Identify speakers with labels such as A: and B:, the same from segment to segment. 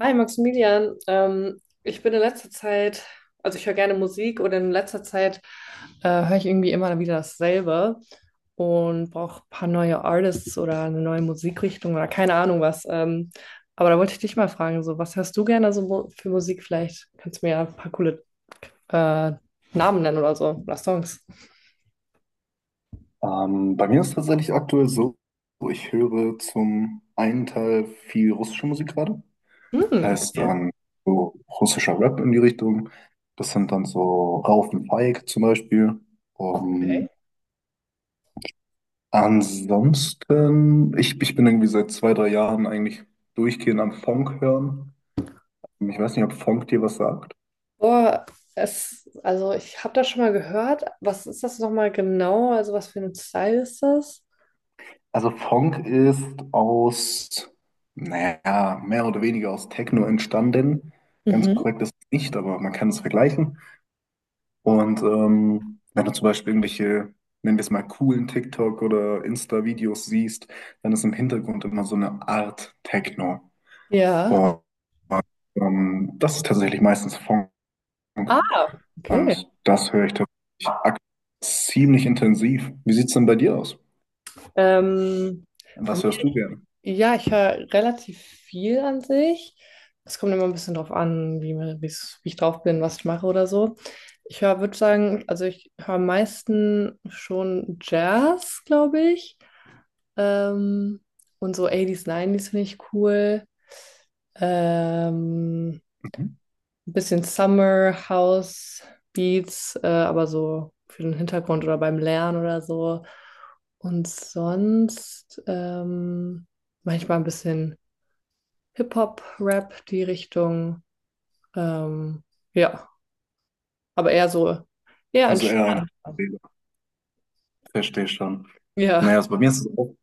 A: Hi Maximilian, ich bin in letzter Zeit, also ich höre gerne Musik, und in letzter Zeit höre ich irgendwie immer wieder dasselbe und brauche ein paar neue Artists oder eine neue Musikrichtung oder keine Ahnung was. Aber da wollte ich dich mal fragen, so was hörst du gerne so für Musik? Vielleicht kannst du mir ja ein paar coole äh, Namen nennen oder so oder Songs.
B: Bei mir ist es tatsächlich aktuell so, ich höre zum einen Teil viel russische Musik gerade.
A: Hm,
B: Heißt
A: okay.
B: dann so russischer Rap in die Richtung. Das sind dann so Rauf und Feig zum Beispiel.
A: Okay.
B: Ähm, ansonsten, ich bin irgendwie seit 2, 3 Jahren eigentlich durchgehend am Funk hören. Ich weiß nicht, ob Funk dir was sagt.
A: Boah, also ich habe das schon mal gehört. Was ist das nochmal genau? Also was für ein Style ist das?
B: Also Funk ist aus, naja, mehr oder weniger aus Techno entstanden. Ganz korrekt ist es nicht, aber man kann es vergleichen. Und wenn du zum Beispiel irgendwelche, nennen wir es mal, coolen TikTok- oder Insta-Videos siehst, dann ist im Hintergrund immer so eine Art Techno.
A: Ja.
B: Und das ist tatsächlich meistens Funk.
A: Ah, okay.
B: Und das höre ich tatsächlich ziemlich intensiv. Wie sieht es denn bei dir aus?
A: Ähm, bei
B: Was
A: mir,
B: hörst du gerne?
A: ja, ich höre relativ viel an sich. Es kommt immer ein bisschen drauf an, wie ich drauf bin, was ich mache oder so. Ich höre, würde sagen, also ich höre am meisten schon Jazz, glaube ich. Ähm, und so 80s, finde ich cool. Ähm,
B: Mhm.
A: ein bisschen Summer House Beats, aber so für den Hintergrund oder beim Lernen oder so. Und sonst manchmal ein bisschen Hip-Hop-Rap, die Richtung. Ähm, ja, aber eher
B: Also eher eine.
A: entspannt.
B: Verstehe schon.
A: Ja.
B: Naja, also bei mir ist es auch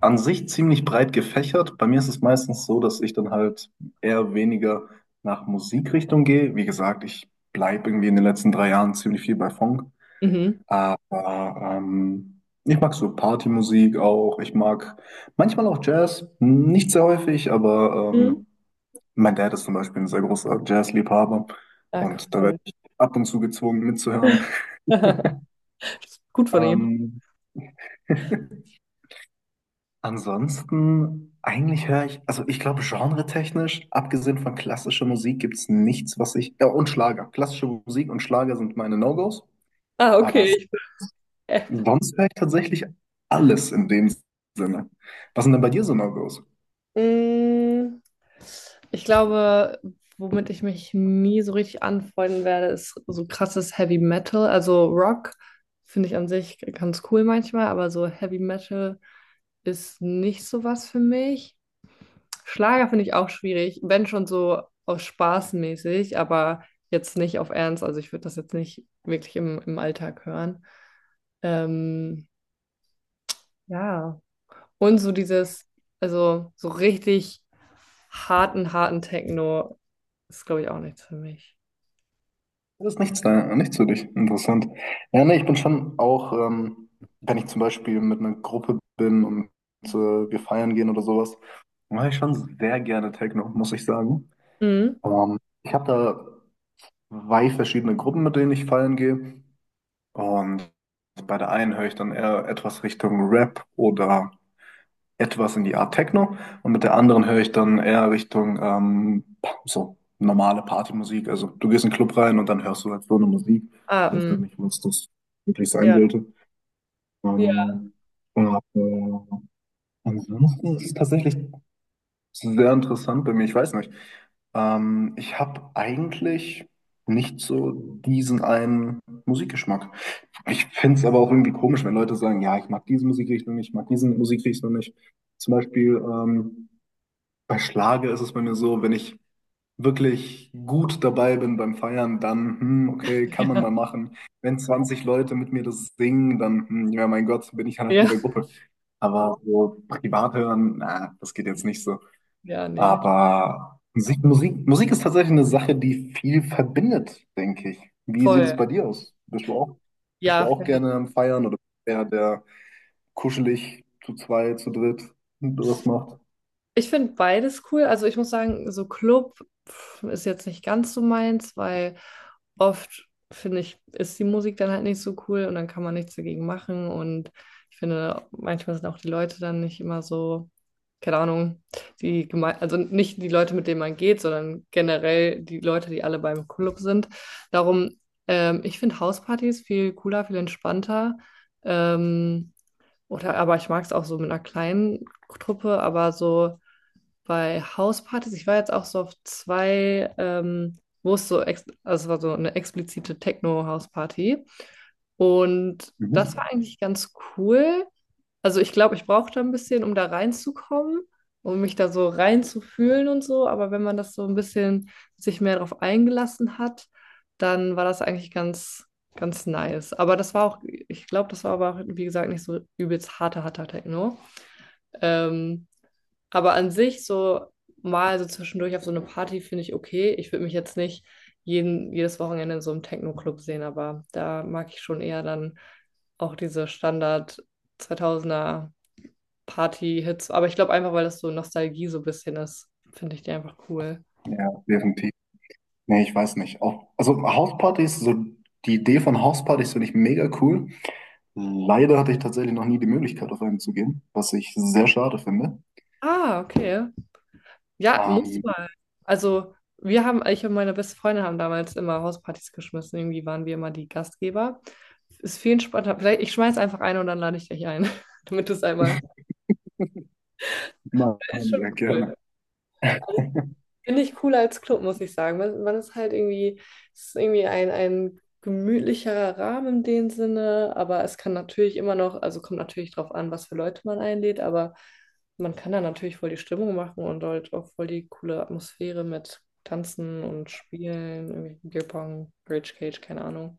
B: an sich ziemlich breit gefächert. Bei mir ist es meistens so, dass ich dann halt eher weniger nach Musikrichtung gehe. Wie gesagt, ich bleibe irgendwie in den letzten 3 Jahren ziemlich viel bei Funk.
A: Mhm.
B: Aber ich mag so Partymusik auch. Ich mag manchmal auch Jazz, nicht sehr häufig, aber
A: Mhm.
B: mein Dad ist zum Beispiel ein sehr großer Jazzliebhaber
A: Ah,
B: und da werde
A: cool.
B: ich ab und zu gezwungen mitzuhören.
A: Gut von ihm.
B: Ähm, Ansonsten, eigentlich höre ich, also ich glaube, genretechnisch, abgesehen von klassischer Musik, gibt es nichts, was ich, ja, und Schlager. Klassische Musik und Schlager sind meine No-Gos,
A: Ah,
B: aber
A: okay. Ich bin
B: sonst höre ich tatsächlich alles in dem Sinne. Was sind denn bei dir so No-Gos?
A: Mm, ich glaube, womit ich mich nie so richtig anfreunden werde, ist so krasses Heavy Metal. Also Rock finde ich an sich ganz cool manchmal, aber so Heavy Metal ist nicht so was für mich. Schlager finde ich auch schwierig, wenn schon so aus Spaß mäßig, aber jetzt nicht auf Ernst. Also ich würde das jetzt nicht wirklich im Alltag hören. Ähm, ja. Und so dieses, also so richtig harten Techno ist, glaube ich, auch nichts für mich.
B: Das ist nichts da, nichts für dich. Interessant. Ja, ne, ich bin schon auch, wenn ich zum Beispiel mit einer Gruppe bin und äh, wir feiern gehen oder sowas, mache ich schon sehr gerne Techno, muss ich sagen.
A: Mhm.
B: Ähm, ich habe da zwei verschiedene Gruppen, mit denen ich feiern gehe. Und bei der einen höre ich dann eher etwas Richtung Rap oder etwas in die Art Techno. Und mit der anderen höre ich dann eher Richtung so normale Partymusik. Also du gehst in den Club rein und dann hörst du halt so eine Musik.
A: Ah,
B: Ich weiß gar
A: mm.
B: nicht, was das wirklich sein
A: Ja.
B: sollte.
A: Ja.
B: Ähm, aber ansonsten ist es tatsächlich, das ist sehr interessant bei mir, ich weiß nicht. Ich habe eigentlich nicht so diesen einen Musikgeschmack. Ich finde es aber auch irgendwie komisch, wenn Leute sagen, ja, ich mag diese Musikrichtung nicht, ich mag diese Musikrichtung nicht. Zum Beispiel bei Schlager ist es bei mir so, wenn ich wirklich gut dabei bin beim Feiern, dann, okay, kann man mal machen. Wenn 20 Leute mit mir das singen, dann, ja, mein Gott, bin ich halt
A: Ja.
B: mit der Gruppe. Aber so privat hören, na, das geht jetzt nicht so.
A: Ja, nee.
B: Aber Musik, Musik, Musik ist tatsächlich eine Sache, die viel verbindet, denke ich. Wie sieht
A: Voll.
B: es bei dir aus? Bist du auch, bist du
A: Ja,
B: auch gerne am Feiern oder eher der kuschelig zu zweit, zu dritt was macht?
A: ich finde beides cool. Also ich muss sagen, so Club pf, ist jetzt nicht ganz so meins, weil oft finde ich, ist die Musik dann halt nicht so cool und dann kann man nichts dagegen machen. Und ich finde, manchmal sind auch die Leute dann nicht immer so, keine Ahnung, also nicht die Leute, mit denen man geht, sondern generell die Leute, die alle beim Club sind. Darum, ich finde Hauspartys viel cooler, viel entspannter. Ähm, aber ich mag es auch so mit einer kleinen Truppe, aber so bei Hauspartys, ich war jetzt auch so auf zwei, wo es so, ex also es war so eine explizite Techno-Hausparty. Und das war
B: Mhm.
A: eigentlich ganz cool. Also ich glaube, ich brauchte ein bisschen, um da reinzukommen, um mich da so reinzufühlen und so. Aber wenn man das so ein bisschen sich mehr darauf eingelassen hat, dann war das eigentlich ganz nice. Aber das war auch, ich glaube, das war aber auch, wie gesagt, nicht so übelst harter Techno. Ähm, aber an sich so mal so zwischendurch auf so eine Party finde ich okay. Ich würde mich jetzt nicht jedes Wochenende in so einem Techno-Club sehen, aber da mag ich schon eher dann auch diese Standard 2000er Party-Hits. Aber ich glaube einfach, weil das so Nostalgie so ein bisschen ist, finde ich die einfach cool.
B: Ja, definitiv. Nee, ich weiß nicht. Auch, also Hauspartys, so die Idee von Hauspartys finde ich mega cool. Leider hatte ich tatsächlich noch nie die Möglichkeit, auf einen zu gehen, was ich sehr schade finde.
A: Ah, okay. Ja, musst
B: Ähm,
A: du mal. Also wir haben, ich und meine beste Freundin haben damals immer Hauspartys geschmissen. Irgendwie waren wir immer die Gastgeber. Ist viel entspannter. Vielleicht, ich schmeiß einfach ein und dann lade ich dich ein, damit du es einmal
B: Mann,
A: ist schon
B: ja,
A: cool.
B: gerne.
A: Finde ich cooler als Club, muss ich sagen. Man ist halt irgendwie, es ist irgendwie ein gemütlicherer Rahmen in dem Sinne, aber es kann natürlich immer noch, also kommt natürlich drauf an, was für Leute man einlädt, aber man kann da natürlich voll die Stimmung machen und halt auch voll die coole Atmosphäre mit Tanzen und Spielen, irgendwie Bierpong, Rage Cage, keine Ahnung.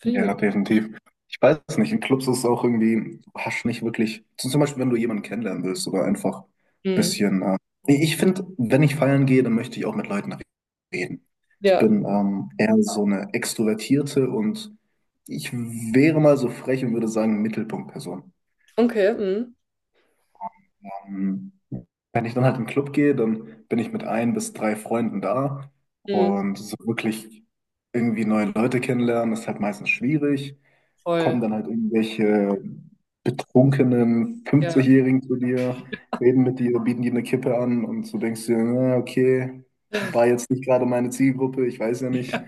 A: Finde ich irgendwie
B: Ja,
A: gut.
B: definitiv. Ich weiß es nicht. In Clubs ist es auch irgendwie, du hast nicht wirklich. So zum Beispiel, wenn du jemanden kennenlernen willst oder einfach ein
A: Mhm.
B: bisschen. Nee, ich finde, wenn ich feiern gehe, dann möchte ich auch mit Leuten reden. Ich
A: Ja,
B: bin eher so eine Extrovertierte und ich wäre mal so frech und würde sagen, Mittelpunktperson.
A: okay, mhm.
B: Ähm, wenn ich dann halt in den Club gehe, dann bin ich mit ein bis drei Freunden da
A: Mhm.
B: und so wirklich irgendwie neue Leute kennenlernen, ist halt meistens schwierig.
A: Voll.
B: Kommen dann halt irgendwelche betrunkenen
A: Ja.
B: 50-Jährigen zu dir, reden mit dir, bieten dir eine Kippe an und du denkst dir, na, okay, war jetzt nicht gerade meine Zielgruppe, ich weiß ja nicht.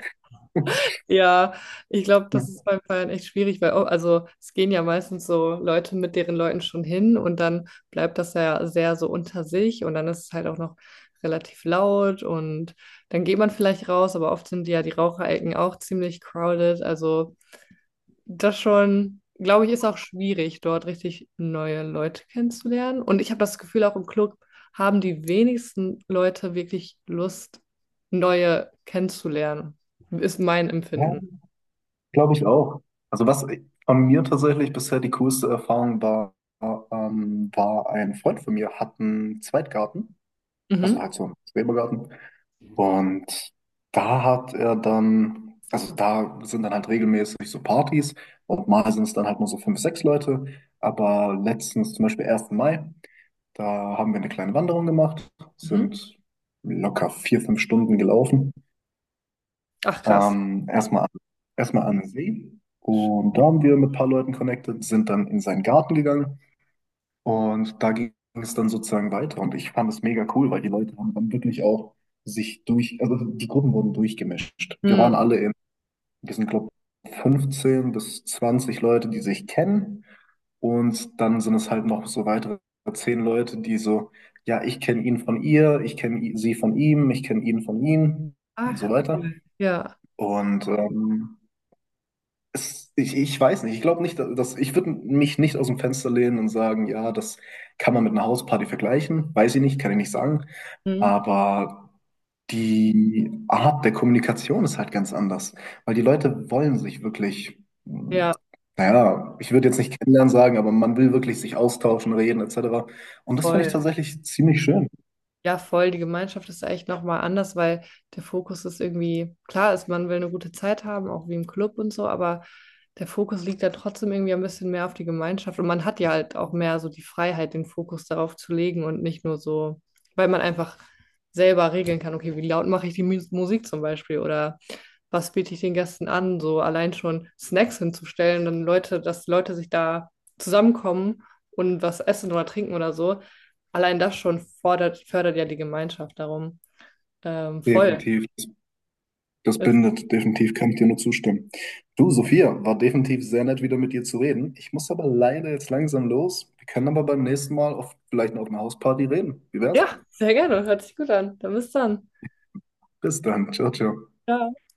A: Ja, ich glaube, das ist beim Feiern echt schwierig, weil, oh, also es gehen ja meistens so Leute mit deren Leuten schon hin und dann bleibt das ja sehr so unter sich und dann ist es halt auch noch relativ laut und dann geht man vielleicht raus, aber oft sind ja die Raucherecken auch ziemlich crowded. Also das schon, glaube ich, ist auch schwierig, dort richtig neue Leute kennenzulernen. Und ich habe das Gefühl, auch im Club haben die wenigsten Leute wirklich Lust, neue kennenzulernen. Ist mein
B: Ja,
A: Empfinden.
B: glaube ich auch. Also was von mir tatsächlich bisher die coolste Erfahrung war, war ein Freund von mir, hat einen Zweitgarten, also
A: Mhm.
B: halt so einen Schrebergarten. Und da hat er dann, also da sind dann halt regelmäßig so Partys und mal sind es dann halt nur so fünf, sechs Leute. Aber letztens zum Beispiel ersten Mai, da haben wir eine kleine Wanderung gemacht,
A: Mhm.
B: sind locker 4, 5 Stunden gelaufen.
A: Ach, krass.
B: Ähm, erstmal, an- erstmal an den See und da haben wir mit ein paar Leuten connected, sind dann in seinen Garten gegangen und da ging es dann sozusagen weiter und ich fand es mega cool, weil die Leute haben dann wirklich auch sich durch, also die Gruppen wurden durchgemischt. Wir waren
A: Mhm.
B: alle in diesem Club 15 bis 20 Leute, die sich kennen und dann sind es halt noch so weitere 10 Leute, die so, ja, ich kenne ihn von ihr, ich kenne sie von ihm, ich kenne ihn von ihm und so
A: Ach,
B: weiter.
A: cool. Ja.
B: Und ich weiß nicht. Ich glaube nicht, dass ich würde mich nicht aus dem Fenster lehnen und sagen, ja, das kann man mit einer Hausparty vergleichen. Weiß ich nicht, kann ich nicht sagen.
A: Mhm.
B: Aber die Art der Kommunikation ist halt ganz anders, weil die Leute wollen sich wirklich, mh,
A: Ja,
B: naja, ich würde jetzt nicht kennenlernen sagen, aber man will wirklich sich austauschen, reden etc. Und das finde ich
A: voll.
B: tatsächlich ziemlich schön.
A: Ja, voll. Die Gemeinschaft ist echt nochmal anders, weil der Fokus ist irgendwie, klar ist, man will eine gute Zeit haben, auch wie im Club und so, aber der Fokus liegt dann trotzdem irgendwie ein bisschen mehr auf die Gemeinschaft. Und man hat ja halt auch mehr so die Freiheit, den Fokus darauf zu legen und nicht nur so, weil man einfach selber regeln kann, okay, wie laut mache ich die Musik zum Beispiel oder was biete ich den Gästen an, so allein schon Snacks hinzustellen, dann dass Leute sich da zusammenkommen und was essen oder trinken oder so. Allein das schon fördert ja die Gemeinschaft darum. Voll.
B: Definitiv. Das
A: Das,
B: bindet, definitiv kann ich dir nur zustimmen. Du, Sophia, war definitiv sehr nett, wieder mit dir zu reden. Ich muss aber leider jetzt langsam los. Wir können aber beim nächsten Mal auf, vielleicht noch auf einer Hausparty reden. Wie wär's?
A: ja, sehr gerne. Hört sich gut an. Dann bis dann.
B: Bis dann. Ciao, ciao.
A: Ja.